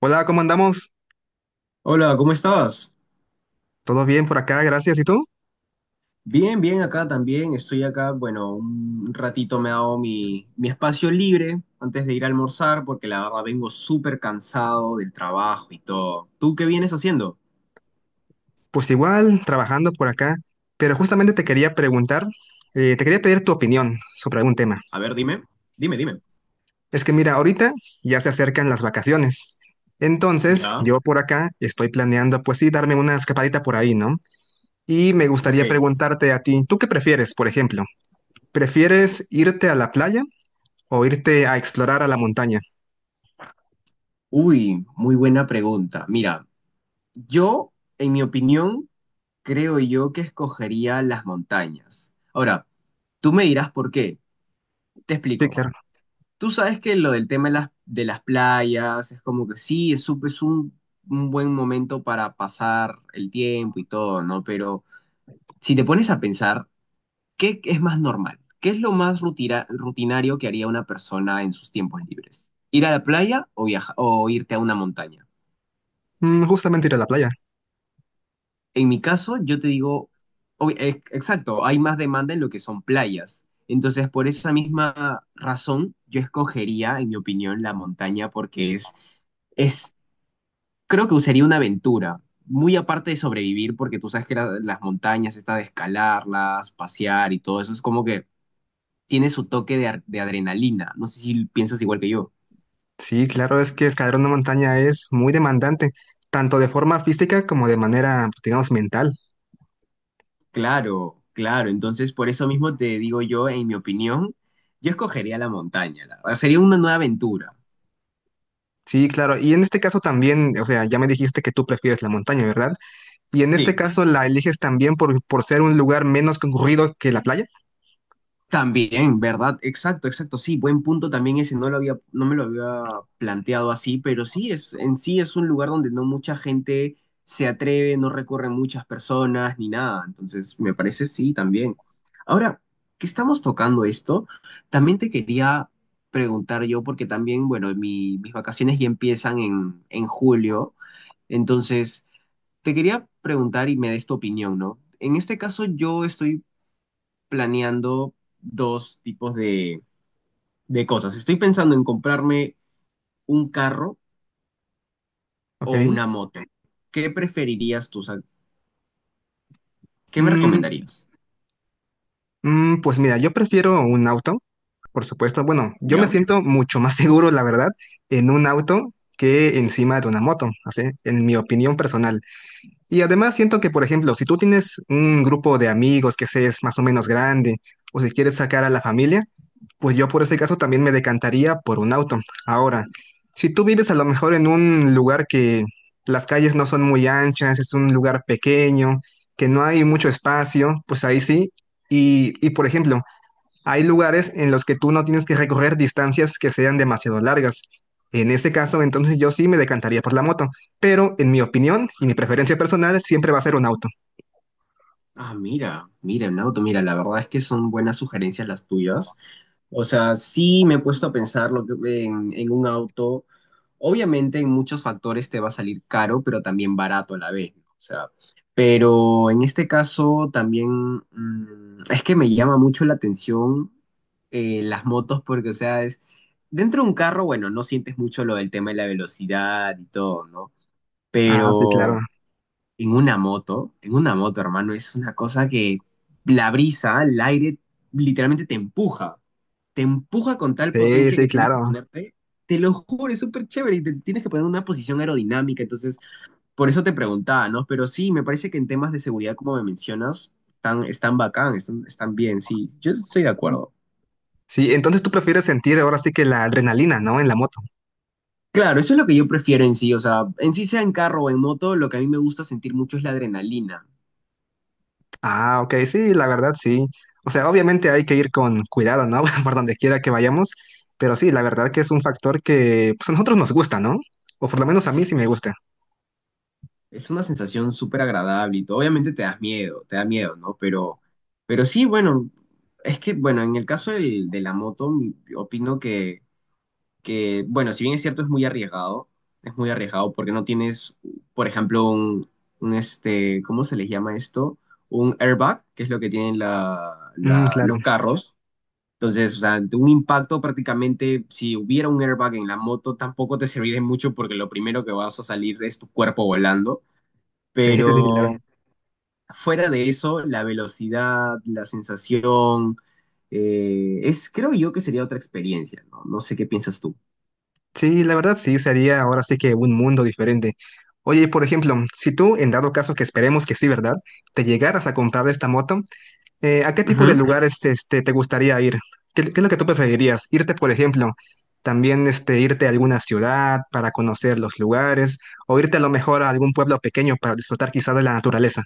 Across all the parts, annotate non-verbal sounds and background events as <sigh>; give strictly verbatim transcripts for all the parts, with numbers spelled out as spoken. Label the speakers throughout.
Speaker 1: Hola, ¿cómo andamos?
Speaker 2: Hola, ¿cómo estás?
Speaker 1: ¿Todo bien por acá? Gracias. ¿Y tú?
Speaker 2: Bien, bien, acá también. Estoy acá, bueno, un ratito me he dado mi, mi espacio libre antes de ir a almorzar porque la verdad vengo súper cansado del trabajo y todo. ¿Tú qué vienes haciendo?
Speaker 1: Pues igual, trabajando por acá. Pero justamente te quería preguntar, eh, te quería pedir tu opinión sobre algún tema.
Speaker 2: A ver, dime, dime, dime.
Speaker 1: Es que mira, ahorita ya se acercan las vacaciones. Entonces,
Speaker 2: ¿Ya?
Speaker 1: yo por acá estoy planeando, pues sí, darme una escapadita por ahí, ¿no? Y me
Speaker 2: Ok.
Speaker 1: gustaría preguntarte a ti, ¿tú qué prefieres, por ejemplo? ¿Prefieres irte a la playa o irte a explorar a la montaña?
Speaker 2: Uy, muy buena pregunta. Mira, yo, en mi opinión, creo yo que escogería las montañas. Ahora, tú me dirás por qué. Te
Speaker 1: Sí,
Speaker 2: explico.
Speaker 1: claro.
Speaker 2: Tú sabes que lo del tema de las, de las playas es como que sí, es, un- es un, un buen momento para pasar el tiempo y todo, ¿no? Pero si te pones a pensar, ¿qué es más normal? ¿Qué es lo más rutira- rutinario que haría una persona en sus tiempos libres? ¿Ir a la playa o viaja- o irte a una montaña?
Speaker 1: Mm, justamente ir a la playa.
Speaker 2: En mi caso, yo te digo, ob- e- exacto, hay más demanda en lo que son playas. Entonces, por esa misma razón, yo escogería, en mi opinión, la montaña porque es creo que sería una aventura, muy aparte de sobrevivir, porque tú sabes que la- las montañas, esta de escalarlas, pasear y todo eso, es como que tiene su toque de, ar- de adrenalina. No sé si piensas igual que yo.
Speaker 1: Sí, claro, es que escalar una montaña es muy demandante, tanto de forma física como de manera, pues, digamos, mental.
Speaker 2: Claro, claro. Entonces, por eso mismo te digo yo, en mi opinión, yo escogería la montaña. La verdad. Sería una nueva aventura.
Speaker 1: Sí, claro, y en este caso también, o sea, ya me dijiste que tú prefieres la montaña, ¿verdad? Y en este
Speaker 2: Sí.
Speaker 1: caso la eliges también por, por ser un lugar menos concurrido que la playa,
Speaker 2: También, ¿verdad? Exacto, exacto. Sí, buen punto también ese. No lo había, no me lo había planteado así, pero sí, es, en sí es un lugar donde no mucha gente se atreve, no recorren muchas personas ni nada. Entonces, me parece sí también. Ahora, que estamos tocando esto, también te quería preguntar yo, porque también, bueno, mi- mis vacaciones ya empiezan en, en julio. Entonces, te quería preguntar y me des tu opinión, ¿no? En este caso, yo estoy planeando dos tipos de, de cosas. Estoy pensando en comprarme un carro o
Speaker 1: ¿ok?
Speaker 2: una moto. ¿Qué preferirías tú? O sea, ¿qué me
Speaker 1: Mm,
Speaker 2: recomendarías?
Speaker 1: mm, pues mira, yo prefiero un auto, por supuesto. Bueno, yo me
Speaker 2: ¿Ya?
Speaker 1: siento mucho más <laughs> seguro, la verdad, en un auto que encima de una moto, así, en mi opinión personal. Y además siento que, por ejemplo, si tú tienes un grupo de amigos que se es más o menos grande, o si quieres sacar a la familia, pues yo por ese caso también me decantaría por un auto. Ahora, si tú vives a lo mejor en un lugar que las calles no son muy anchas, es un lugar pequeño, que no hay mucho espacio, pues ahí sí. Y, y por ejemplo, hay lugares en los que tú no tienes que recorrer distancias que sean demasiado largas. En ese caso, entonces yo sí me decantaría por la moto, pero en mi opinión y mi preferencia personal siempre va a ser un auto.
Speaker 2: Ah, mira, mira, Nauto, mira, la verdad es que son buenas sugerencias las tuyas. O sea, sí me he puesto a pensar lo que, en, en un auto. Obviamente en muchos factores te va a salir caro, pero también barato a la vez, ¿no? O sea, pero en este caso también mm, es que me llama mucho la atención eh, las motos porque, o sea, es, dentro de un carro, bueno, no sientes mucho lo del tema de la velocidad y todo, ¿no?
Speaker 1: Ah, sí, claro.
Speaker 2: Pero en una moto, en una moto, hermano, es una cosa que la brisa, el aire, literalmente te empuja te empuja con tal
Speaker 1: Sí,
Speaker 2: potencia
Speaker 1: sí,
Speaker 2: que tienes que
Speaker 1: claro.
Speaker 2: ponerte. Te lo juro, es súper chévere y te tienes que poner en una posición aerodinámica. Entonces, por eso te preguntaba, ¿no? Pero sí, me parece que en temas de seguridad, como me mencionas, están, están bacán, están, están bien, sí. Yo estoy de acuerdo.
Speaker 1: Sí, entonces tú prefieres sentir ahora sí que la adrenalina, ¿no? En la moto.
Speaker 2: Claro, eso es lo que yo prefiero en sí. O sea, en sí sea en carro o en moto, lo que a mí me gusta sentir mucho es la adrenalina.
Speaker 1: Ah, ok, sí, la verdad, sí. O sea, obviamente hay que ir con cuidado, ¿no? <laughs> Por donde quiera que vayamos, pero sí, la verdad que es un factor que pues, a nosotros nos gusta, ¿no? O por lo menos a mí sí
Speaker 2: Sí.
Speaker 1: me gusta.
Speaker 2: Es una sensación súper agradable y todo. Obviamente te das miedo, te da miedo, ¿no? Pero, pero sí, bueno, es que, bueno, en el caso del- de la moto, mi- opino que que, bueno, si bien es cierto, es muy arriesgado, es muy arriesgado porque no tienes, por ejemplo, un, un, este, ¿cómo se les llama esto? Un airbag, que es lo que tienen la-
Speaker 1: Mm,
Speaker 2: la-
Speaker 1: claro.
Speaker 2: los carros. Entonces, o sea, ante un impacto prácticamente, si hubiera un airbag en la moto, tampoco te serviría mucho porque lo primero que vas a salir es tu cuerpo volando.
Speaker 1: Sí, <laughs> sí, claro.
Speaker 2: Pero fuera de eso, la velocidad, la sensación, eh, es, creo yo que sería otra experiencia, ¿no? No sé qué piensas tú.
Speaker 1: Sí, la verdad sí, sería ahora sí que un mundo diferente. Oye, por ejemplo, si tú, en dado caso que esperemos que sí, ¿verdad? Te llegaras a comprar esta moto, eh, ¿a qué tipo de
Speaker 2: Ujú.
Speaker 1: lugares este, te gustaría ir? ¿Qué, qué es lo que tú preferirías? ¿Irte, por ejemplo, también este, irte a alguna ciudad para conocer los lugares o irte a lo mejor a algún pueblo pequeño para disfrutar quizá de la naturaleza?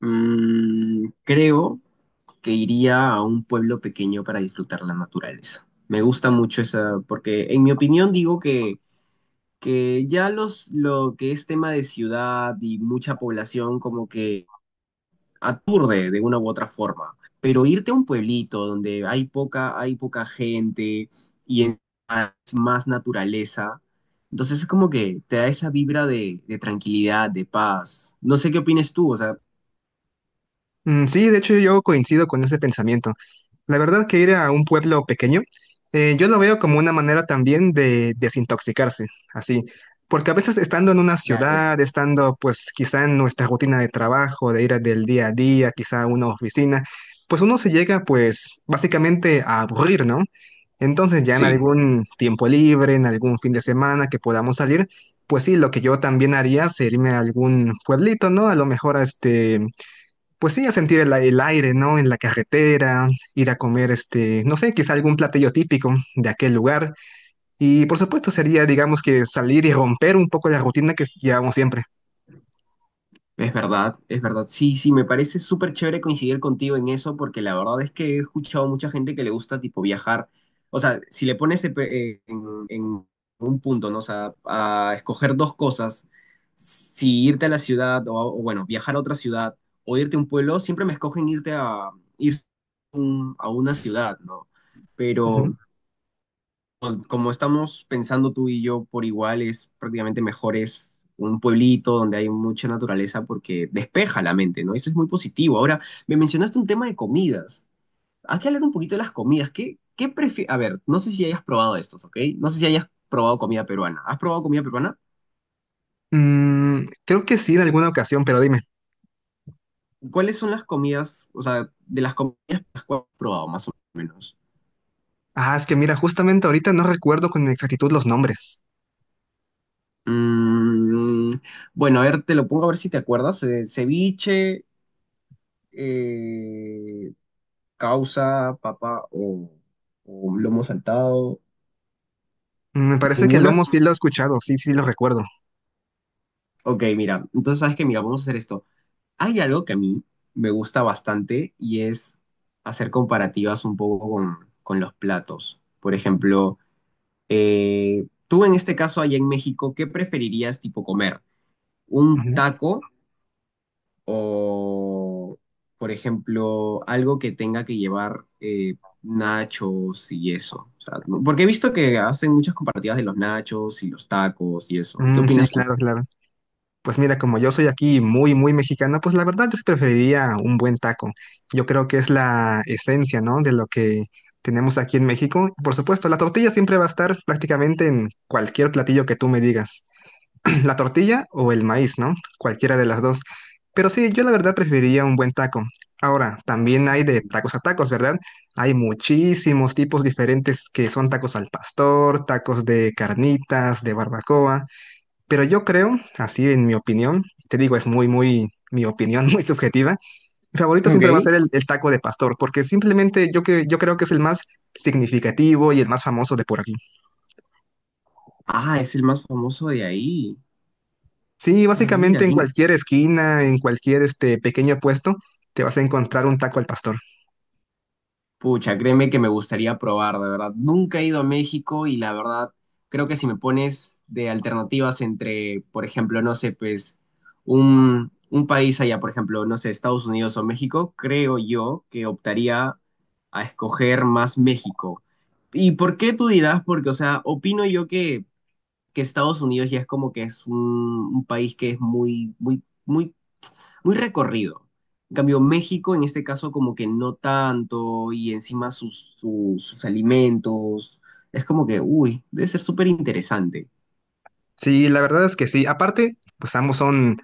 Speaker 2: Mm, creo que iría a un pueblo pequeño para disfrutar la naturaleza. Me gusta mucho esa, porque en mi opinión digo que, que ya los, lo que es tema de ciudad y mucha población como que aturde de una u otra forma. Pero irte a un pueblito donde hay poca, hay poca gente y es más, más naturaleza, entonces es como que te da esa vibra de, de tranquilidad, de paz. No sé qué opinas tú, o sea,
Speaker 1: Mm, sí, de hecho yo coincido con ese pensamiento. La verdad que ir a un pueblo pequeño, eh, yo lo veo como una manera también de desintoxicarse, así, porque a veces estando en una
Speaker 2: claro,
Speaker 1: ciudad, estando pues quizá en nuestra rutina de trabajo, de ir a- del día a día, quizá a una oficina, pues uno se llega pues básicamente a aburrir, ¿no? Entonces ya en
Speaker 2: sí.
Speaker 1: algún tiempo libre, en algún fin de semana que podamos salir, pues sí, lo que yo también haría sería irme a algún pueblito, ¿no? A lo mejor a este... Pues sí, a sentir el, el aire, ¿no? En la carretera, ir a comer, este, no sé, quizá algún platillo típico de aquel lugar. Y por supuesto sería, digamos que salir y romper un poco la rutina que llevamos siempre.
Speaker 2: Es verdad, es verdad. Sí, sí, me parece súper chévere coincidir contigo en eso, porque la verdad es que he escuchado mucha gente que le gusta tipo viajar. O sea, si le pones en, en- en un punto, ¿no? O sea, a escoger dos cosas, si irte a la ciudad o, o, bueno, viajar a otra ciudad o irte a un pueblo, siempre me escogen irte a ir un- a una ciudad, ¿no? Pero
Speaker 1: Ujú.
Speaker 2: como estamos pensando tú y yo por igual, es prácticamente mejor es un pueblito donde hay mucha naturaleza porque despeja la mente, ¿no? Eso es muy positivo. Ahora, me mencionaste un tema de comidas. Hay que hablar un poquito de las comidas. ¿Qué, qué prefi- a ver, no sé si hayas probado estos, ¿ok? No sé si hayas probado comida peruana. ¿Has probado comida peruana?
Speaker 1: Mm, creo que sí, en alguna ocasión, pero dime.
Speaker 2: ¿Cuáles son las comidas, o sea, de las comidas las que has probado, más o menos?
Speaker 1: Ah, es que mira, justamente ahorita no recuerdo con exactitud los nombres.
Speaker 2: Mm, bueno, a ver, te lo pongo a ver si te acuerdas. Eh, ceviche, eh, causa, papa o, o lomo saltado.
Speaker 1: Mm, me parece que
Speaker 2: ¿Ninguna?
Speaker 1: Lomo sí lo he escuchado, sí, sí lo recuerdo.
Speaker 2: Ok, mira, entonces sabes que, mira, vamos a hacer esto. Hay algo que a mí me gusta bastante y es hacer comparativas un poco con, con los platos. Por ejemplo, eh, tú en este caso allá en México, ¿qué preferirías tipo comer? ¿Un
Speaker 1: Ujú.
Speaker 2: taco? O, por ejemplo, algo que tenga que llevar eh, nachos y eso. O sea, no- porque he visto que hacen muchas comparativas de los nachos y los tacos y eso. ¿Qué
Speaker 1: Mm, sí,
Speaker 2: opinas tú?
Speaker 1: claro, claro. Pues mira, como yo soy aquí muy, muy mexicana, pues la verdad yo que preferiría un buen taco. Yo creo que es la esencia, ¿no? De lo que tenemos aquí en México. Y por supuesto, la tortilla siempre va a estar prácticamente en cualquier platillo que tú me digas. <clears throat> La tortilla o el maíz, ¿no? Cualquiera de las dos. Pero sí, yo la verdad preferiría un buen taco. Ahora, también hay de
Speaker 2: Mm.
Speaker 1: tacos a tacos, ¿verdad? Hay muchísimos tipos diferentes que son tacos al pastor, tacos de carnitas, de barbacoa. Pero yo creo, así en mi opinión, te digo, es muy, muy, mi opinión <laughs> muy subjetiva, mi favorito
Speaker 2: Ok.
Speaker 1: siempre va a ser el, el taco de pastor, porque simplemente yo, que, yo creo que es el más significativo y el más famoso de por aquí.
Speaker 2: Ah, es el más famoso de ahí.
Speaker 1: Sí,
Speaker 2: Ah, mira,
Speaker 1: básicamente en
Speaker 2: aquí.
Speaker 1: cualquier esquina, en cualquier este pequeño puesto, te vas a encontrar un taco al pastor.
Speaker 2: Pucha, créeme que me gustaría probar, de verdad. Nunca he ido a México y la verdad, creo que si me pones de alternativas entre, por ejemplo, no sé, pues un, un país allá, por ejemplo, no sé, Estados Unidos o México, creo yo que optaría a escoger más México. ¿Y por qué tú dirás? Porque, o sea, opino yo que, que Estados Unidos ya es como que es un, un país que es muy, muy, muy muy recorrido. En cambio, México en este caso como que no tanto y encima sus, sus, sus alimentos. Es como que, uy, debe ser súper interesante.
Speaker 1: Sí, la verdad es que sí. Aparte, pues ambos son,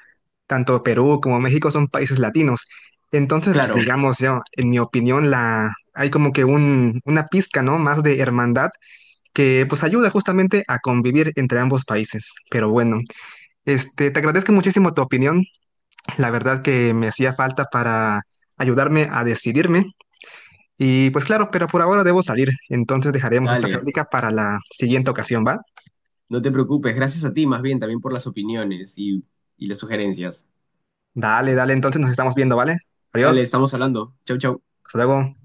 Speaker 1: tanto Perú como México son países latinos. Entonces, pues
Speaker 2: Claro,
Speaker 1: digamos, yo, en mi opinión, la, hay como que un, una pizca, ¿no? Más de hermandad que pues ayuda justamente a convivir entre ambos países. Pero bueno, este, te agradezco muchísimo tu opinión, la verdad que me hacía falta para ayudarme a decidirme. Y pues claro, pero por ahora debo salir, entonces dejaremos esta
Speaker 2: dale,
Speaker 1: plática para la siguiente ocasión, ¿va?
Speaker 2: no te preocupes. Gracias a ti más bien también por las opiniones y, y las sugerencias.
Speaker 1: Dale, dale, entonces nos estamos viendo, ¿vale?
Speaker 2: Dale,
Speaker 1: Adiós,
Speaker 2: estamos hablando. Chau, chau.
Speaker 1: hasta luego.